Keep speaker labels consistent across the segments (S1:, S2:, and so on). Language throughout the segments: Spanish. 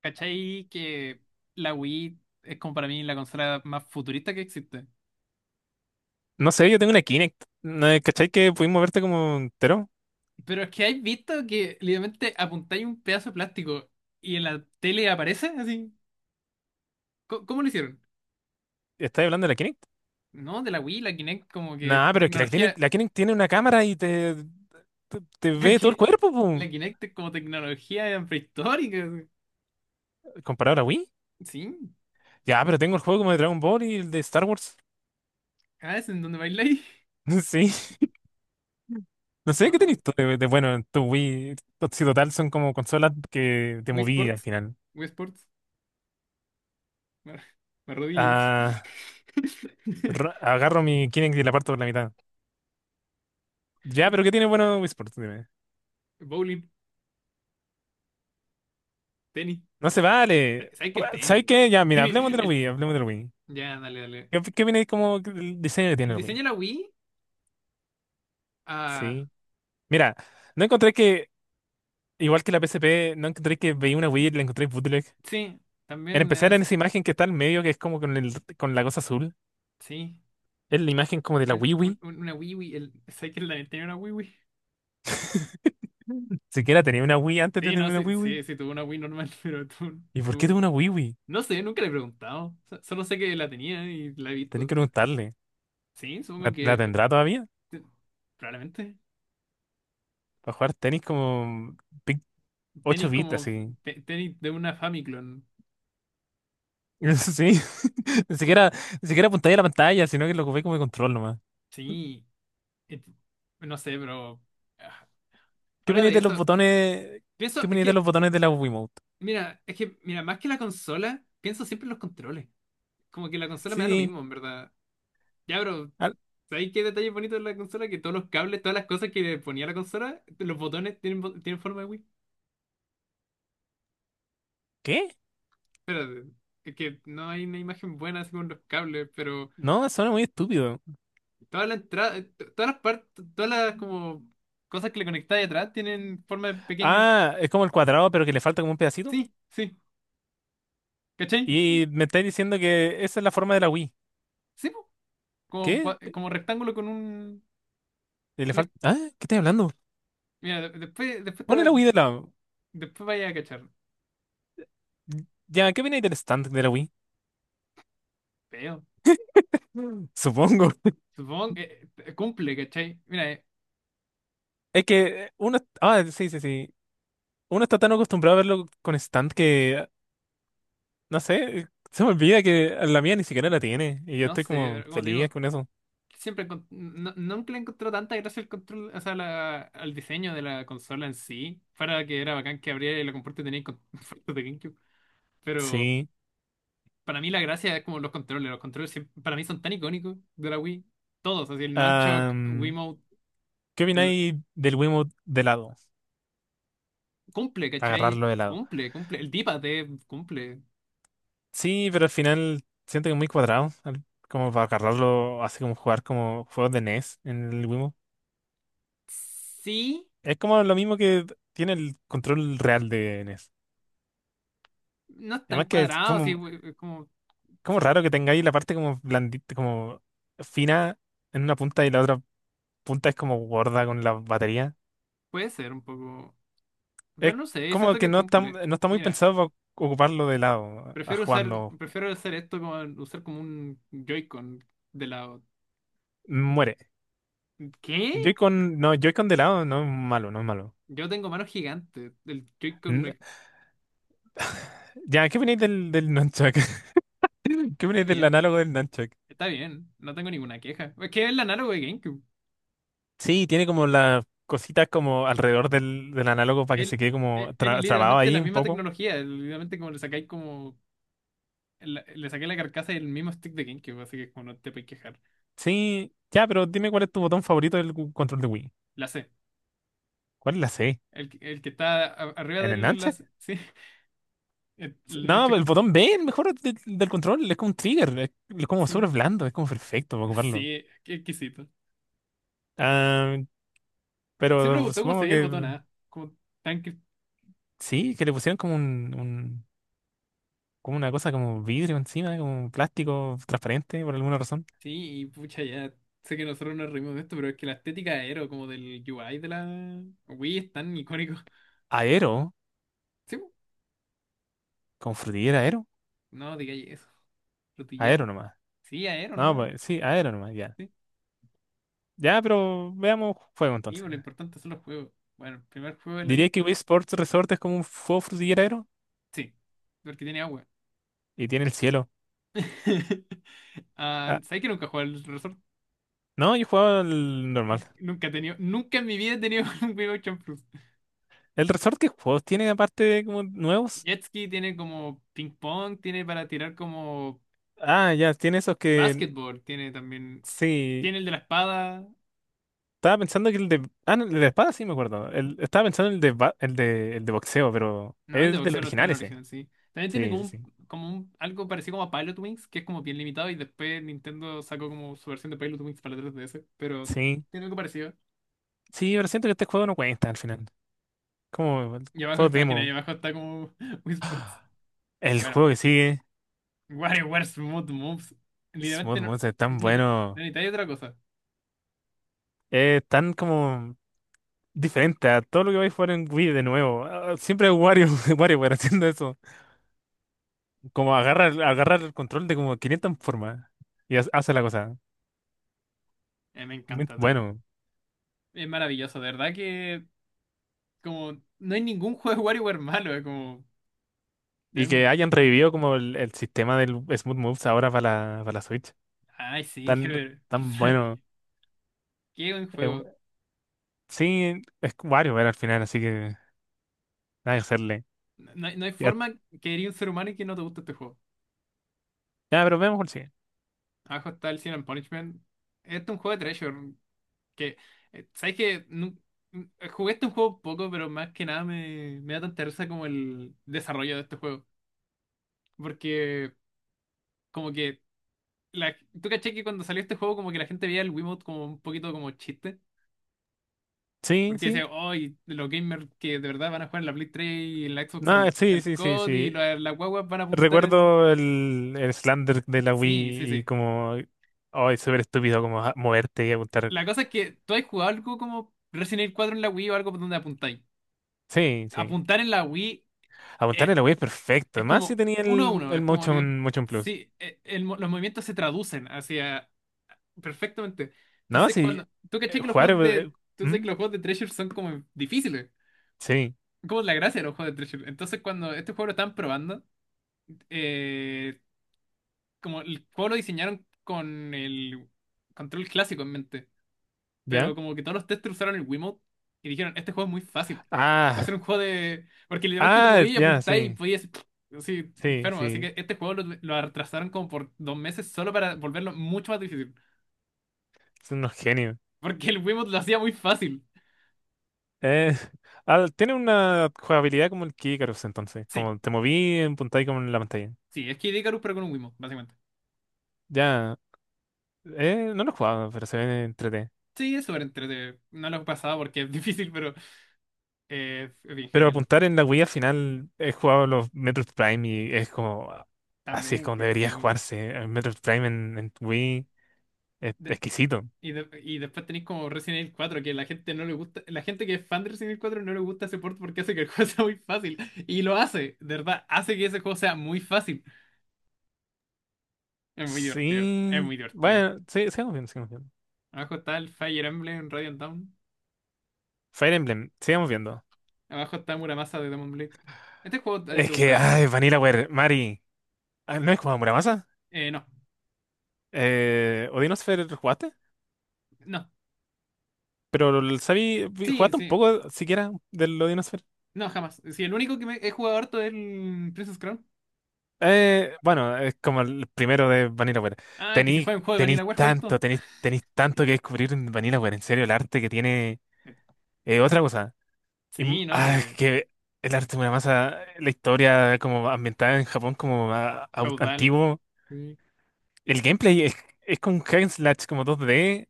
S1: ¿Cachai? Que la Wii es como para mí la consola más futurista que existe.
S2: No sé, yo tengo una Kinect. ¿No? ¿Cachai que pudimos moverte como entero?
S1: Pero es que hay visto que literalmente apuntáis un pedazo de plástico y en la tele aparece así. ¿Cómo lo hicieron?
S2: ¿Estás hablando de la Kinect?
S1: No, de la Wii, la Kinect como que
S2: Nah, pero es que la Kinect,
S1: tecnología.
S2: la Kinect tiene una cámara y te
S1: La,
S2: ve todo el
S1: Ki-
S2: cuerpo, pum,
S1: la Kinect es como tecnología prehistórica así.
S2: comparado a la Wii.
S1: Sí.
S2: Ya, pero tengo el juego como de Dragon Ball y el de Star Wars.
S1: Ah, es en donde bailáis.
S2: Sí, no sé
S1: No,
S2: qué
S1: no.
S2: tenés tú de bueno en tu Wii. Si total son como consolas que te
S1: Wii
S2: moví al
S1: Sports.
S2: final.
S1: Wii Sports. Me, me arrodillé.
S2: Ah, agarro mi Kinect y la parto por la mitad. Ya, pero ¿qué tiene bueno Wii Sports? Dime.
S1: Bowling. Tenis.
S2: No se
S1: El te-
S2: vale.
S1: ¿Sabes qué? El
S2: ¿Sabes
S1: tenis.
S2: qué? Ya, mira,
S1: Tenis,
S2: hablemos de la
S1: el-
S2: Wii, hablemos de la Wii.
S1: Ya, dale, dale.
S2: ¿Qué viene como el diseño que
S1: El
S2: tiene el
S1: diseño de
S2: Wii?
S1: la Wii. Ah,
S2: Sí. Mira, no encontré que, igual que la PSP, no encontré que veía una Wii y la encontré bootleg.
S1: sí,
S2: En
S1: también me da
S2: especial en
S1: esa.
S2: esa imagen que está al medio, que es como con el, con la cosa azul.
S1: Sí.
S2: Es la imagen como de la
S1: un-
S2: Wii
S1: un-
S2: Wii.
S1: un- una Wii Wii. ¿Sabes que la Nintendo tenía una Wii Wii?
S2: Siquiera tenía una Wii antes de
S1: Sí,
S2: tener
S1: no,
S2: una
S1: sí,
S2: Wii Wii.
S1: sí, sí, tuvo una Wii normal, pero tú,
S2: ¿Y por qué tuvo
S1: tú...
S2: una Wii Wii?
S1: No sé, nunca le he preguntado. Solo sé que la tenía y la he
S2: Tenía
S1: visto.
S2: que preguntarle.
S1: Sí, supongo
S2: ¿La,
S1: que...
S2: la tendrá todavía?
S1: te- probablemente.
S2: Para jugar tenis como pic- 8
S1: Tenis
S2: bits,
S1: como...
S2: así.
S1: tenis de una Famiclone.
S2: Sí. Ni siquiera, ni siquiera apuntáis a la pantalla, sino que lo ocupé como de control nomás.
S1: Sí. Et- no sé, pero... ah,
S2: ¿Qué
S1: fuera
S2: opináis
S1: de
S2: de los
S1: eso...
S2: botones? ¿Qué
S1: Pienso, es
S2: opináis de
S1: que
S2: los botones de la Wii?
S1: mira, más que la consola, pienso siempre en los controles. Como que la consola me da lo
S2: Sí.
S1: mismo, en verdad. Ya, pero,
S2: Al-
S1: ¿sabes qué detalle bonito de la consola? Que todos los cables, todas las cosas que le ponía la consola, los botones tienen forma de Wii.
S2: ¿Qué?
S1: Es que no hay una imagen buena así con los cables, pero
S2: No, suena muy estúpido.
S1: toda la entrada, todas las partes, todas las como cosas que le conectáis atrás tienen forma de pequeña Wii.
S2: Ah, es como el cuadrado, pero que le falta como un pedacito.
S1: Sí, sí, ¿cachai?
S2: Y me estáis diciendo que esa es la forma de la Wii.
S1: Sí, po, como,
S2: ¿Qué?
S1: como rectángulo con un...
S2: Le
S1: una-
S2: falta. Ah, ¿qué estáis hablando?
S1: mira, después,
S2: Pone la Wii de lado.
S1: después vaya a cachar.
S2: Ya, ¿qué viene del stand de la Wii?
S1: Feo.
S2: Mm. Supongo.
S1: Supongo que cumple, ¿cachai? Mira,
S2: Es que uno. Ah, sí, sí, sí. Uno está tan acostumbrado a verlo con stand que no sé, se me olvida que la mía ni siquiera la tiene. Y yo
S1: no
S2: estoy
S1: sé,
S2: como
S1: pero como te
S2: feliz
S1: digo,
S2: con eso.
S1: no, nunca le encontró tanta gracia al control, o sea, al diseño de la consola en sí. Para que era bacán que abriera y la comporte tenía con fotos de GameCube. Pero
S2: Sí.
S1: para mí la gracia es como los controles. Los para mí son tan icónicos de la Wii. Todos, así el Nunchuk,
S2: Ah,
S1: Wiimote,
S2: ¿qué
S1: el
S2: opináis del Wiimote de lado?
S1: cumple, ¿cachai?
S2: Agarrarlo de lado.
S1: Cumple, cumple. El D-pad cumple.
S2: Sí, pero al final siento que es muy cuadrado, como para agarrarlo, así como jugar como juegos de NES en el Wii.
S1: Sí,
S2: Es como lo mismo que tiene el control real de NES.
S1: no es tan
S2: Además que es
S1: cuadrado, sí,
S2: como,
S1: como.
S2: como
S1: so-
S2: raro que tengáis la parte como blandita, como fina en una punta y la otra punta es como gorda con la batería.
S1: Puede ser un poco. Pero
S2: Es
S1: no sé,
S2: como
S1: siento
S2: que
S1: que
S2: no está,
S1: cumple.
S2: no está muy
S1: Mira,
S2: pensado para ocuparlo de lado, a
S1: prefiero usar,
S2: jugando.
S1: prefiero hacer esto como usar como un Joy-Con de lado.
S2: Muere.
S1: ¿Qué?
S2: Joy-Con, no, Joy-Con de lado no es malo, no es malo.
S1: Yo tengo manos gigantes. El Joy-Con
S2: N-
S1: me...
S2: Ya, ¿qué opináis del, nunchuck? ¿Qué
S1: Está
S2: opináis del
S1: bien,
S2: análogo del Nunchuck?
S1: está bien. No tengo ninguna queja. Es que es el análogo de GameCube.
S2: Sí, tiene como las cositas como alrededor del análogo para que se
S1: El-
S2: quede como
S1: es
S2: trabado
S1: literalmente la
S2: ahí un
S1: misma
S2: poco.
S1: tecnología. Es literalmente como le sacáis como le saqué la carcasa y el mismo stick de GameCube, así que como no te puedes quejar.
S2: Sí, ya, pero dime cuál es tu botón favorito del control de Wii.
S1: La C.
S2: ¿Cuál es la C?
S1: El que está arriba
S2: ¿En
S1: de
S2: el
S1: la
S2: Nunchuck?
S1: C. Sí. El
S2: No,
S1: Nunchuck.
S2: el botón B, el mejor del control, es como un trigger, es como
S1: Sí.
S2: súper blando, es como perfecto para ocuparlo.
S1: Sí, qué exquisito.
S2: Ah,
S1: Se
S2: pero
S1: preguntó cómo se
S2: supongo
S1: veía el botón
S2: que
S1: A. Como tanque.
S2: sí, que le pusieron como un, como una cosa como vidrio encima, como un plástico transparente por alguna razón.
S1: Sí, y pucha, ya sé que nosotros nos reímos de esto, pero es que la estética de Aero, como del UI de la Wii, es tan icónico.
S2: Aero,
S1: Sí, po.
S2: con frutillera aero,
S1: No digáis eso. Rotillar.
S2: aero nomás.
S1: Sí, Aero
S2: No,
S1: nomás.
S2: pues sí, aero nomás, ya.
S1: Sí,
S2: Ya, pero veamos fuego
S1: sí, po,
S2: entonces.
S1: lo importante son los juegos. Bueno, el primer juego de la
S2: Diría que
S1: lista.
S2: Wii Sports Resort es como un juego frutillero aero
S1: Sí, porque tiene agua.
S2: y tiene el cielo.
S1: Ah,
S2: Ah,
S1: ¿sabes que nunca jugué al Resort?
S2: no, yo jugaba el normal.
S1: Nunca en mi vida he tenido un Wii Motion Plus.
S2: ¿El resort qué juegos tiene aparte de como nuevos?
S1: Jet Ski tiene como ping pong, tiene para tirar como
S2: Ah, ya, tiene esos que.
S1: basketball tiene también.
S2: Sí.
S1: Tiene el de la espada.
S2: Estaba pensando que el de. Ah, no, el de espada sí me acuerdo. Estaba pensando en el de boxeo, pero,
S1: No,
S2: es
S1: el de
S2: el del
S1: boxeo no está en
S2: original
S1: el
S2: ese.
S1: original, sí. También tiene
S2: Sí,
S1: como
S2: sí, sí.
S1: un, algo parecido como a Pilot Wings, que es como bien limitado, y después Nintendo sacó como su versión de Pilot Wings para la 3DS, pero
S2: Sí,
S1: tiene algo parecido.
S2: sí, pero siento que este juego no cuenta al final. Como el
S1: Y abajo,
S2: juego
S1: te imaginas, y
S2: demo.
S1: abajo está como Wii Sports.
S2: El
S1: Bueno,
S2: juego que sigue.
S1: WarioWare Smooth Moves. Literalmente
S2: Smooth
S1: no,
S2: Monster es tan
S1: no necesita- no
S2: bueno.
S1: necesitáis otra cosa.
S2: Es tan como diferente a todo lo que vais a jugar en Wii de nuevo. Ah, siempre es Wario, WarioWare haciendo eso. Como agarra el control de como 500 formas y hace la cosa.
S1: Me
S2: Muy
S1: encanta,
S2: bueno.
S1: es maravilloso, de verdad que como no hay ningún juego de WarioWare malo, es como...
S2: Y
S1: es
S2: que hayan
S1: bueno.
S2: revivido como el, sistema del Smooth Moves ahora para la Switch.
S1: Ay, sí, qué,
S2: Tan,
S1: ver- qué
S2: tan
S1: maravilla.
S2: bueno.
S1: Qué buen
S2: Eh,
S1: juego.
S2: sí, es WarioWare al final, así que nada que hacerle.
S1: No hay
S2: Ya,
S1: forma que eres un ser humano y que no te guste este juego.
S2: ya, pero veamos cuál sigue.
S1: Abajo está el Sin and Punishment. Este es un juego de Treasure. Que, ¿Sabes qué? Jugué este juego poco, pero más que nada me da tanta risa como el desarrollo de este juego. Porque, como que. La, ¿Tú caché que cuando salió este juego, como que la gente veía el Wiimote como un poquito como chiste?
S2: Sí,
S1: Porque
S2: sí.
S1: decía, hoy los gamers que de verdad van a jugar en la Play 3 y en la Xbox
S2: No,
S1: al,
S2: sí,
S1: al
S2: sí, sí,
S1: COD y
S2: sí.
S1: las guaguas van a apuntar en.
S2: Recuerdo el, Slander de la
S1: Sí, sí,
S2: Wii y
S1: sí.
S2: como, ay, súper estúpido como moverte y apuntar.
S1: La cosa es que tú has jugado algo como Resident Evil 4 en la Wii o algo por donde apuntáis.
S2: Sí, sí.
S1: Apuntar en la Wii
S2: Apuntar
S1: es,
S2: en la Wii es perfecto.
S1: es
S2: Más si
S1: como
S2: tenía
S1: uno a
S2: el,
S1: uno.
S2: el
S1: Es como.
S2: Motion Plus.
S1: Sí, los movimientos se traducen hacia. Perfectamente.
S2: No,
S1: Entonces,
S2: sí.
S1: cuando. Tú caché que los
S2: Jugar.
S1: juegos de. Tú sabes
S2: ¿Mm?
S1: que los juegos de Treasure son como difíciles.
S2: Sí,
S1: Como la gracia de los juegos de Treasure. Entonces, cuando este juego lo estaban probando, eh, como el juego lo diseñaron con el control clásico en mente.
S2: ya.
S1: Pero como que todos los testers usaron el Wiimote y dijeron, este juego es muy fácil. Va a ser
S2: Ah,
S1: un juego de... Porque literalmente te
S2: ah,
S1: movías y
S2: ya,
S1: apuntáis y
S2: sí.
S1: podías... hacer así,
S2: Sí,
S1: enfermo. Así
S2: sí.
S1: que este juego lo retrasaron como por 2 meses solo para volverlo mucho más difícil.
S2: Son unos genios.
S1: Porque el Wiimote lo hacía muy fácil.
S2: Eh, ah, tiene una jugabilidad como el Kikarus entonces.
S1: Sí,
S2: Como te moví en punta y como en la pantalla.
S1: sí, es que Icarus pero con un Wiimote, básicamente.
S2: Ya. No lo he jugado, pero se ve entrete.
S1: Sí, es súper entretenido. No lo he pasado porque es difícil, pero es bien
S2: Pero
S1: genial.
S2: apuntar en la Wii al final he jugado los Metroid Prime y es como, ah, así es
S1: También
S2: como
S1: que
S2: debería
S1: sí.
S2: jugarse. El Metroid Prime en Wii es exquisito.
S1: Y después tenéis como Resident Evil 4 que la gente no le gusta, la gente que es fan de Resident Evil 4 no le gusta ese port porque hace que el juego sea muy fácil. Y lo hace, de verdad, hace que ese juego sea muy fácil. Es muy divertido, es
S2: Sí,
S1: muy divertido.
S2: bueno, sí, sigamos viendo, sigamos viendo.
S1: Abajo está el Fire Emblem Radiant Dawn.
S2: Fire Emblem, sigamos viendo.
S1: Abajo está Muramasa de Demon Blade. Este juego a ti
S2: Es
S1: te
S2: que,
S1: gustaba,
S2: ay,
S1: ¿no?
S2: Vanillaware, Mari, ah, ¿no he jugado a Muramasa?
S1: No,
S2: ¿Odinosphere jugaste?
S1: no.
S2: Pero el Sabi,
S1: Sí,
S2: ¿jugaste un
S1: sí.
S2: poco siquiera del Odinosphere?
S1: No, jamás. Sí, el único que me he jugado harto es el Princess Crown.
S2: Bueno, es como el primero de Vanilla Ware.
S1: Ah, que si
S2: Tenéis,
S1: juega un juego de
S2: tenéis
S1: Vanilla Ware,
S2: tanto,
S1: todo.
S2: tenéis, tenéis tanto que descubrir en Vanilla Ware. En serio, el arte que tiene otra cosa. Y,
S1: Sí, no, sí.
S2: ah, es que el arte de Muramasa, la historia como ambientada en Japón como
S1: Feudal.
S2: antiguo.
S1: Sí.
S2: El gameplay es con hack and slash como 2D.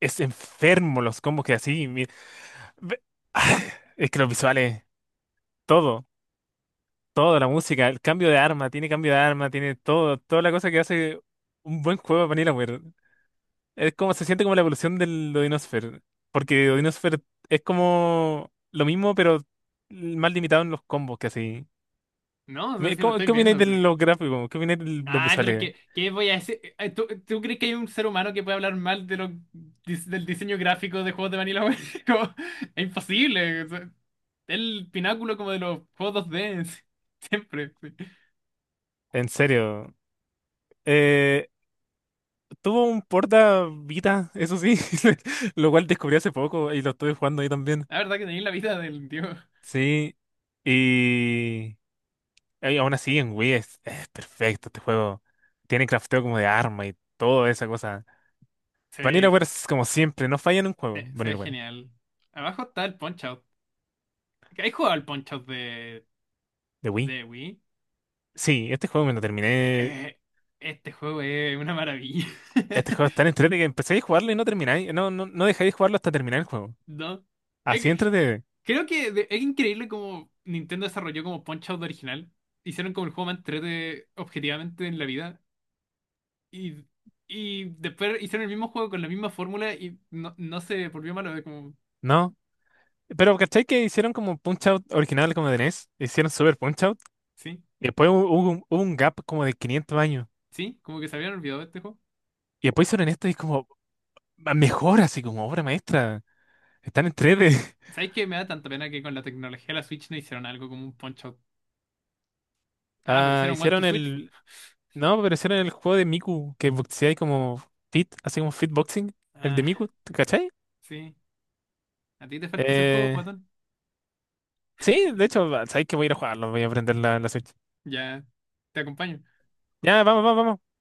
S2: Es enfermo los combos que así. Ve- ah, es que los visuales, todo, toda la música, el cambio de arma, tiene cambio de arma, tiene todo, toda la cosa que hace un buen juego de Vanilla. Es como se siente como la evolución del Odinosphere. Porque Odinosphere es como lo mismo, pero más limitado en los combos que así.
S1: No, o sea, sí lo estoy
S2: ¿Qué opináis
S1: viendo,
S2: de
S1: sí.
S2: los gráficos? ¿Qué opináis de los
S1: Ay, pero
S2: visuales?
S1: ¿qué voy a decir? ¿Tú crees que hay un ser humano que puede hablar mal de del diseño gráfico de juegos de Vanilla Ware? Como, es imposible, o sea, el pináculo como de los juegos 2D. Sí, siempre. Sí.
S2: En serio. Eh, tuvo un porta Vita, eso sí, lo cual descubrí hace poco y lo estuve jugando ahí también.
S1: La verdad que tenéis la vida del dios.
S2: Sí. Y, y aún así en Wii es perfecto este juego. Tiene crafteo como de arma y toda esa cosa.
S1: Se ve,
S2: Vanillaware es como siempre, no falla en un juego,
S1: se ve
S2: Vanillaware.
S1: genial. Abajo está el Punch-Out. ¿Has jugado al Punch-Out de,
S2: ¿De Wii?
S1: de Wii?
S2: Sí, este juego me lo terminé.
S1: Eh, este juego es una maravilla.
S2: Este juego es tan entretenido que empezáis a jugarlo y no termináis. No, no, no dejáis de jugarlo hasta terminar el juego.
S1: ¿No? Es
S2: Así
S1: que
S2: entretenido.
S1: creo que es increíble cómo Nintendo desarrolló como Punch-Out original. Hicieron como el juego más entrete objetivamente en la vida. Y, y después hicieron el mismo juego con la misma fórmula y no se volvió malo. Es como,
S2: No. Pero ¿cachai que hicieron como Punch Out original como de NES? Hicieron Super Punch Out.
S1: sí,
S2: Y después hubo un gap como de 500 años.
S1: sí, como que se habían olvidado de este juego.
S2: Y después hicieron esto y es como mejor, así como obra maestra. Están entretenidos.
S1: ¿Sabes que me da tanta pena que con la tecnología de la Switch no hicieron algo como un Punch-Out? Ah, pero
S2: Ah,
S1: hicieron One to
S2: hicieron
S1: Switch, po.
S2: el. No, pero hicieron el juego de Miku que boxeáis como fit, así como fit boxing. El de
S1: Ah,
S2: Miku, ¿cachai?
S1: sí. ¿A ti te falta ese juego,
S2: Eh,
S1: guatón?
S2: Sí, de hecho, sabéis que voy a ir a jugarlo, voy a aprender la, Switch.
S1: Ya, te acompaño.
S2: Ya, vamos, vamos, vamos.